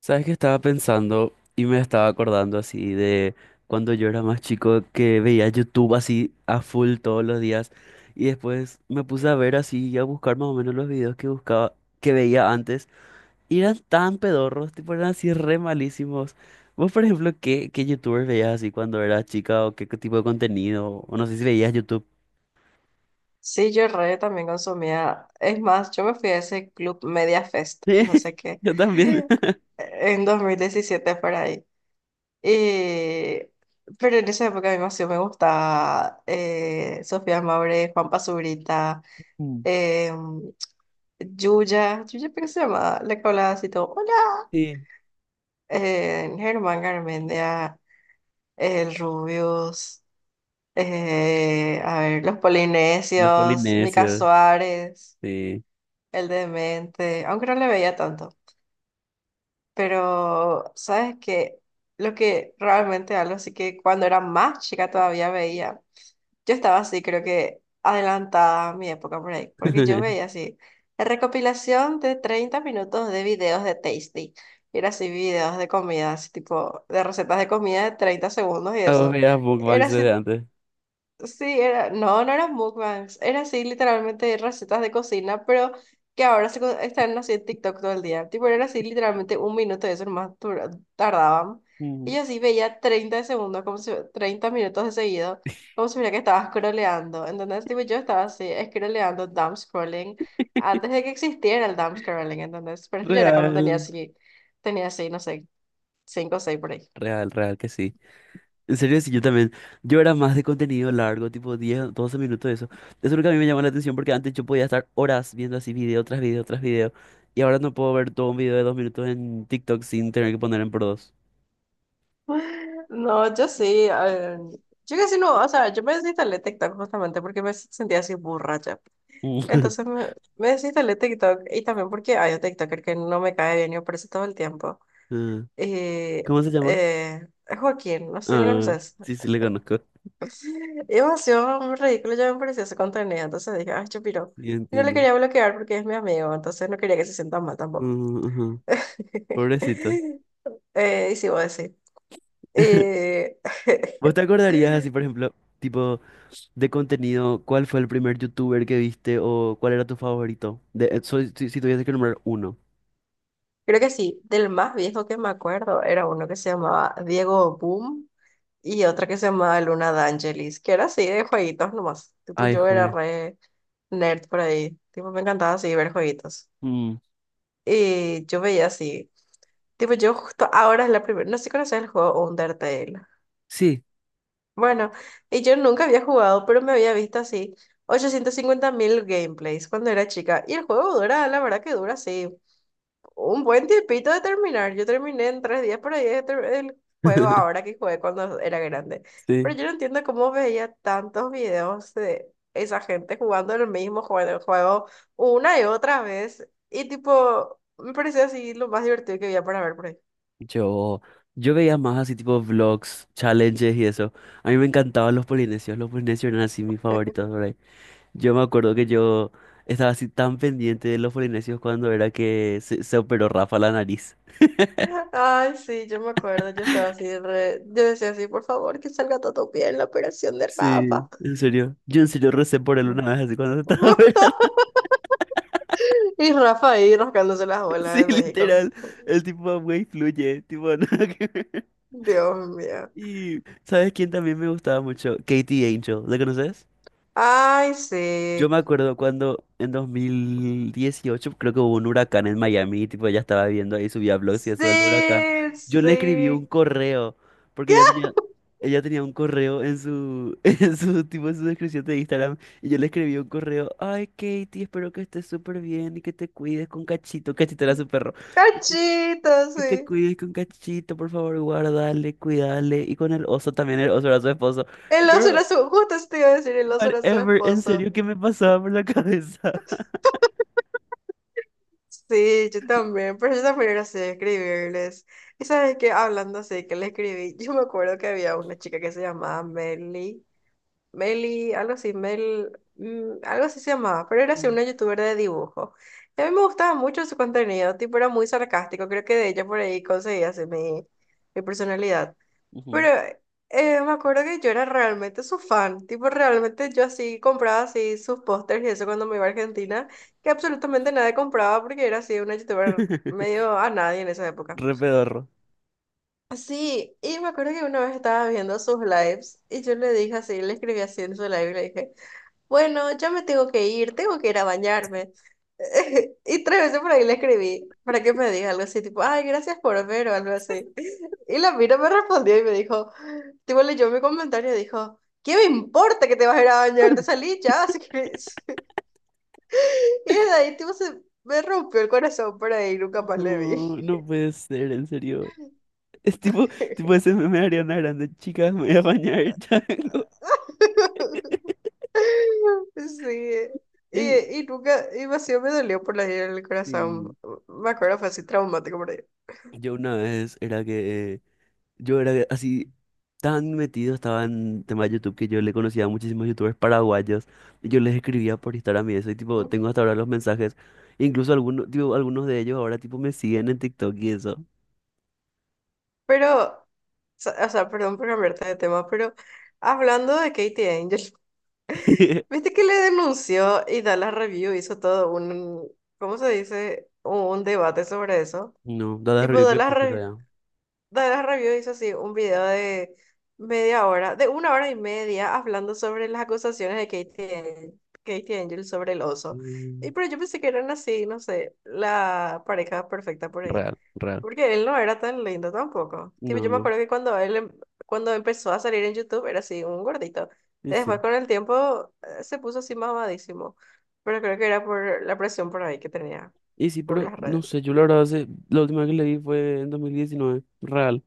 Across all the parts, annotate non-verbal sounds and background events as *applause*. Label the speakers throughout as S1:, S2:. S1: ¿Sabes qué estaba pensando y me estaba acordando así de cuando yo era más chico que veía YouTube así a full todos los días y después me puse a ver así y a buscar más o menos los videos que buscaba, que veía antes y eran tan pedorros, tipo eran así re malísimos. Vos, por ejemplo, ¿qué YouTubers veías así cuando eras chica o qué tipo de contenido? O no sé si veías YouTube.
S2: Sí, yo re también consumía. Es más, yo me fui a ese club Media Fest, no sé
S1: *laughs*
S2: qué,
S1: Yo también. *laughs*
S2: en 2017 por ahí. Y... Pero en esa época a mí más sí me gustaba Sofía Maure, Juan Pazurita,
S1: Mm.
S2: eh, Yuya, Yuya, ¿pero qué se llama? La que hablaba así todo, hola,
S1: Sí.
S2: Germán Garmendia, el Rubius, a ver, los
S1: Los
S2: Polinesios, Mica
S1: polinesios,
S2: Suárez.
S1: sí.
S2: El demente, aunque no le veía tanto, pero sabes que lo que realmente algo así que cuando era más chica todavía veía, yo estaba así, creo que adelantada a mi época por ahí, porque yo veía
S1: *laughs*
S2: así, la recopilación de 30 minutos de videos de Tasty, y era así videos de comida, así tipo de recetas de comida de 30 segundos y
S1: ¿A vos
S2: eso,
S1: veías
S2: era
S1: mukbangs desde
S2: así.
S1: antes?
S2: Sí, era, no, no eran mukbangs, era así literalmente recetas de cocina, pero que ahora están así en TikTok todo el día. Tipo, era así literalmente un minuto de eso nomás tardaban. Y yo así veía 30 de segundos, como si, 30 minutos de seguido, como si mira que estaba scrolleando. Entonces, tipo, yo estaba así scrolleando, dumb scrolling, antes de que existiera el dumb scrolling, entonces, pero esto ya era cuando
S1: Real,
S2: tenía así, no sé, 5 o 6 por ahí.
S1: Real que sí. En serio, sí, yo también. Yo era más de contenido largo, tipo 10, 12 minutos, eso. Eso es lo que a mí me llama la atención porque antes yo podía estar horas viendo así video tras video tras video. Y ahora no puedo ver todo un video de dos minutos en TikTok sin tener que poner en por dos.
S2: No, yo sí. eh, yo casi no, o sea, yo me desinstalé TikTok justamente porque me sentía así borracha.
S1: Mm.
S2: Entonces
S1: *laughs*
S2: me desinstalé TikTok y también porque hay un TikToker que no me cae bien y me aparece todo el tiempo.
S1: Ah,
S2: Y
S1: ¿cómo se llama?
S2: eh, es Joaquín, no sé si lo
S1: Ah,
S2: conoces.
S1: sí, sí, le conozco.
S2: Y demasiado ridículo, ya me parecía ese contenido. Entonces dije, ay, chupiro.
S1: Sí,
S2: Y no le
S1: entiendo.
S2: quería bloquear porque es mi amigo, entonces no quería que se sienta mal tampoco.
S1: Mm, ujú.
S2: *laughs*
S1: Pobrecito.
S2: Y sí, voy a decir.
S1: *laughs*
S2: Eh,
S1: ¿Vos te
S2: *laughs*
S1: acordarías así, por ejemplo, tipo? De contenido, ¿cuál fue el primer youtuber que viste o cuál era tu favorito? De, soy- si tuviese que nombrar uno.
S2: Creo que sí, del más viejo que me acuerdo era uno que se llamaba Diego Boom y otro que se llamaba Luna D'Angelis, que era así de jueguitos nomás. Tipo,
S1: Ay,
S2: yo era
S1: joder.
S2: re nerd por ahí. Tipo, me encantaba así ver jueguitos.
S1: Mm,
S2: Y yo veía así. Tipo, yo justo ahora es la primera. No sé si conoces el juego Undertale.
S1: sí.
S2: Bueno, y yo nunca había jugado, pero me había visto así 850.000 gameplays cuando era chica. Y el juego dura, la verdad que dura así. Un buen tiempito de terminar. Yo terminé en 3 días por ahí de el juego ahora
S1: *laughs*
S2: que jugué cuando era grande. Pero
S1: Sí.
S2: yo no entiendo cómo veía tantos videos de esa gente jugando el mismo juego, el juego una y otra vez. Y tipo, me parecía así lo más divertido que había para ver por ahí.
S1: Yo, yo veía más así tipo vlogs, challenges y eso. A mí me encantaban los polinesios. Los polinesios eran así mis favoritos por ahí. Yo me acuerdo que yo estaba así tan pendiente de los polinesios cuando era que se operó Rafa la nariz.
S2: *laughs* Ay, sí, yo me acuerdo, yo estaba
S1: *laughs*
S2: así, yo decía así, por favor, que salga todo bien la operación de
S1: Sí,
S2: Rafa.
S1: en serio. Yo en serio recé por él una vez así cuando se estaba *laughs* operando.
S2: *laughs* Y Rafa ahí rascándose las
S1: *laughs*
S2: bolas
S1: Sí,
S2: de México.
S1: literal. El tipo, güey, fluye. Tipo, *laughs* nada que ver.
S2: Dios mío.
S1: Y, ¿sabes quién también me gustaba mucho? Katie Angel. ¿La conoces?
S2: Ay,
S1: Yo
S2: sí.
S1: me acuerdo cuando en 2018 creo que hubo un huracán en Miami, tipo ella estaba viendo ahí, subía blogs y eso del huracán.
S2: Sí,
S1: Yo le escribí un
S2: sí.
S1: correo, porque ella tenía un correo en *laughs* en tipo, en su descripción de Instagram, y yo le escribí un correo, ay Katie, espero que estés súper bien y que te cuides con Cachito. Cachito era su perro.
S2: Cachito,
S1: Que
S2: sí.
S1: te cuides con Cachito, por favor, guardale, cuidale. Y con el oso también, el oso era su esposo.
S2: El oso
S1: Girl,
S2: era su, justo eso te iba a decir, el oso era su
S1: whatever, en
S2: esposo.
S1: serio, ¿qué me pasaba por la cabeza?
S2: Sí, yo también, pero yo también era así de escribirles. Y sabes que hablando así, que le escribí, yo me acuerdo que había una chica que se llamaba Meli, Meli, algo así, Mel, algo así se llamaba, pero era así
S1: Mm,
S2: una youtuber de dibujo. Y a mí me gustaba mucho su contenido, tipo era muy sarcástico, creo que de ella por ahí conseguí así mi, mi personalidad. Pero
S1: ujú.
S2: me acuerdo que yo era realmente su fan, tipo realmente yo así compraba así sus pósters y eso cuando me iba a Argentina, que absolutamente nadie compraba porque era así una youtuber
S1: *laughs*
S2: medio a nadie en esa época.
S1: Re pedorro.
S2: Sí, y me acuerdo que una vez estaba viendo sus lives y yo le dije así, le escribí así en su live y le dije, bueno, ya me tengo que ir a bañarme. *laughs* Y 3 veces por ahí le escribí para que me diga algo así, tipo, ay, gracias por ver o algo así. Y la mina me respondió y me dijo, tipo, leyó mi comentario y dijo, ¿qué me importa que te vas a ir a bañar? Te salí ya, si querés. *laughs* Y de ahí, tipo, se me rompió el corazón por ahí, nunca más le vi.
S1: No, no puede ser, en serio. Es tipo, tipo
S2: *laughs*
S1: ese meme de Ariana Grande, chicas, me voy a bañar, chango. *laughs*
S2: Sí,
S1: Y
S2: y, y nunca, y vacío me dolió por la herida en el
S1: sí.
S2: corazón. Me acuerdo, fue así traumático por ahí.
S1: Yo una vez era que yo era así tan metido, estaba en tema de YouTube, que yo le conocía a muchísimos YouTubers paraguayos y yo les escribía por Instagram y eso y tipo, tengo hasta ahora los mensajes. Incluso algunos, tipo, algunos de ellos ahora tipo me siguen en TikTok y eso.
S2: Pero, o sea, perdón por cambiarte de tema, pero hablando de Katie Angel,
S1: *laughs*
S2: viste que le denunció y Dallas Review hizo todo un, ¿cómo se dice? Un debate sobre eso.
S1: No, Dada
S2: Tipo,
S1: Revipio
S2: Dallas,
S1: existe todavía.
S2: De la Review hizo así un video de media hora, de una hora y media, hablando sobre las acusaciones de Katie, Katie Angel sobre el oso.
S1: Mm,
S2: Y pero yo pensé que eran así, no sé, la pareja perfecta por ahí.
S1: real, real.
S2: Porque él no era tan lindo tampoco. Tipo,
S1: No,
S2: yo me
S1: no.
S2: acuerdo que cuando él cuando empezó a salir en YouTube era así, un gordito.
S1: Y
S2: Después
S1: sí.
S2: con el tiempo se puso así mamadísimo. Pero creo que era por la presión por ahí que tenía,
S1: Y sí,
S2: por
S1: pero
S2: las
S1: no
S2: redes.
S1: sé, yo la verdad hace- la última vez que le vi fue en dos mil diecinueve. Real.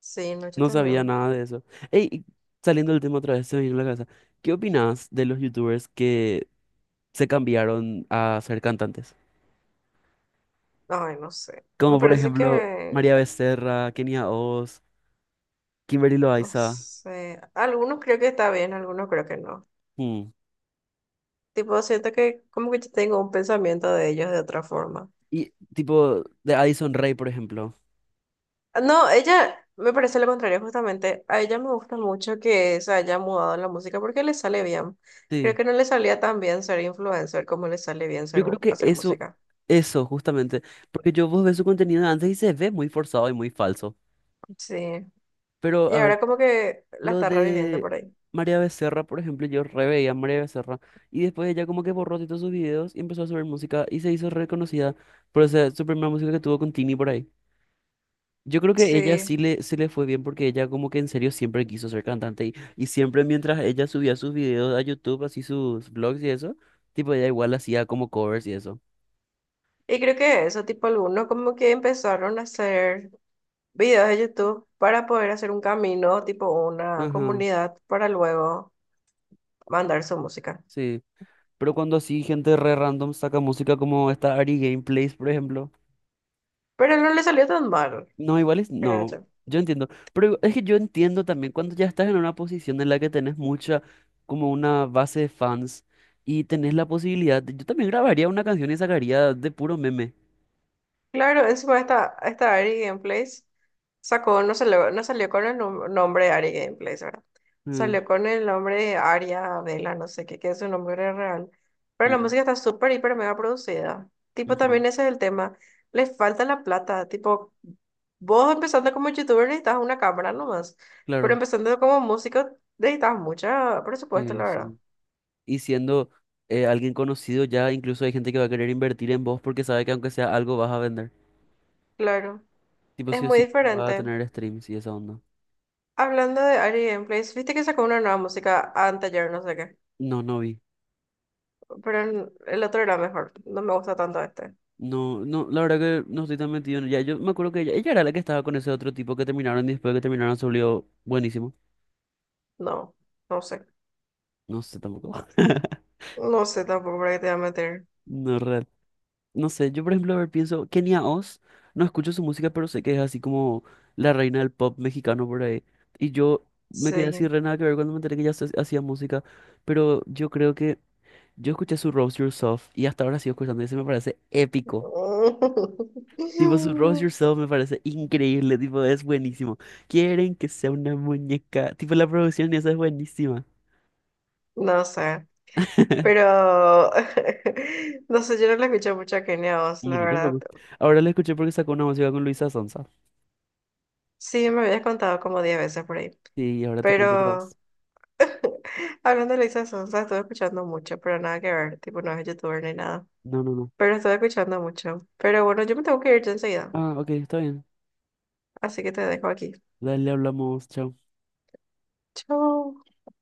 S2: Sí, no, yo
S1: No sabía
S2: también.
S1: nada de eso. Ey, y saliendo del tema otra vez, se me vino a la cabeza. ¿Qué opinas de los youtubers que se cambiaron a ser cantantes?
S2: Ay, no sé. Me
S1: Como por
S2: parece
S1: ejemplo
S2: que,
S1: María Becerra, Kenia Oz, Kimberly
S2: no
S1: Loaiza.
S2: sé. Algunos creo que está bien, algunos creo que no.
S1: Mm.
S2: Tipo, siento que como que yo tengo un pensamiento de ellos de otra forma.
S1: Y tipo de Addison Rae, por ejemplo.
S2: Ah, no, ella me parece lo contrario, justamente. A ella me gusta mucho que se haya mudado en la música porque le sale bien. Creo
S1: Sí.
S2: que no le salía tan bien ser influencer como le sale bien
S1: Yo
S2: ser,
S1: creo que
S2: hacer música.
S1: eso justamente. Porque yo vos ves su contenido de antes y se ve muy forzado y muy falso.
S2: Sí.
S1: Pero
S2: Y
S1: a ver,
S2: ahora como que la
S1: lo
S2: está reviviendo
S1: de
S2: por ahí.
S1: María Becerra, por ejemplo, yo re veía a María Becerra. Y después ella como que borró todos sus videos y empezó a subir música y se hizo reconocida por esa, su primera música que tuvo con Tini por ahí. Yo creo que ella
S2: Sí.
S1: sí le fue bien porque ella como que en serio siempre quiso ser cantante y siempre mientras ella subía sus videos a YouTube, así sus vlogs y eso, tipo ella igual hacía como covers y eso.
S2: Y creo que eso, tipo, algunos como que empezaron a hacer videos de YouTube para poder hacer un camino, tipo una
S1: Ajá,
S2: comunidad, para luego mandar su música.
S1: sí. Pero cuando así gente re random saca música como esta Ari Gameplays, por ejemplo.
S2: Pero no le salió tan mal,
S1: No, igual es,
S2: creo
S1: no,
S2: yo.
S1: yo entiendo. Pero es que yo entiendo también cuando ya estás en una posición en la que tenés mucha, como una base de fans y tenés la posibilidad, de- yo también grabaría una canción y sacaría de puro meme.
S2: Claro, encima esta Ari Gameplays sacó, no salió con el nombre Ari Gameplays, ¿verdad?
S1: Mm,
S2: Salió con el nombre Aria Vela, no sé qué, que es su nombre real. Pero la
S1: mm,
S2: música está súper, hiper, mega producida. Tipo,
S1: ujú.
S2: también ese es el tema. Le falta la plata. Tipo, vos empezando como youtuber necesitas una cámara nomás. Pero
S1: Claro,
S2: empezando como músico necesitas mucha presupuesto, la verdad.
S1: sí. Y siendo alguien conocido, ya incluso hay gente que va a querer invertir en vos porque sabe que aunque sea algo vas a vender.
S2: Claro,
S1: Tipo,
S2: es
S1: sí o
S2: muy
S1: sí, va a
S2: diferente.
S1: tener streams y esa onda.
S2: Hablando de Ari Gameplays, viste que sacó una nueva música anteayer, no sé qué.
S1: No, no vi.
S2: Pero el otro era mejor. No me gusta tanto este.
S1: No, no, la verdad que no estoy tan metido en ella. Yo me acuerdo que ella era la que estaba con ese otro tipo que terminaron y después de que terminaron se volvió buenísimo.
S2: No, no sé.
S1: No sé tampoco. *laughs*
S2: No sé tampoco para qué te voy a meter.
S1: No, real. No sé, yo por ejemplo, a ver, pienso, Kenia Oz, no escucho su música, pero sé que es así como la reina del pop mexicano por ahí. Y yo me quedé así
S2: Sí.
S1: re nada que ver cuando me enteré que ella hace- hacía música, pero yo creo que yo escuché su Rose Yourself y hasta ahora sigo escuchando y ese me parece épico. Tipo, su Rose
S2: *laughs*
S1: Yourself me parece increíble, tipo, es buenísimo. Quieren que sea una muñeca, tipo, la producción esa es buenísima.
S2: No sé.
S1: *laughs*
S2: Pero *laughs* no sé, yo no le escuché mucho a Kenia Oz, la
S1: Mira,
S2: verdad.
S1: tampoco. Ahora la escuché porque sacó una música con Luisa Sonza.
S2: Sí, me habías contado como 10 veces por ahí.
S1: Sí, ahora te cuento otra vez.
S2: Pero *laughs* hablando de Lisa Sonsa, estuve escuchando mucho, pero nada que ver. Tipo, no es youtuber ni nada.
S1: No, no, no.
S2: Pero estuve escuchando mucho. Pero bueno, yo me tengo que ir ya enseguida.
S1: Ah, ok, está bien.
S2: Así que te dejo aquí.
S1: Dale, hablamos, chao.
S2: Chao.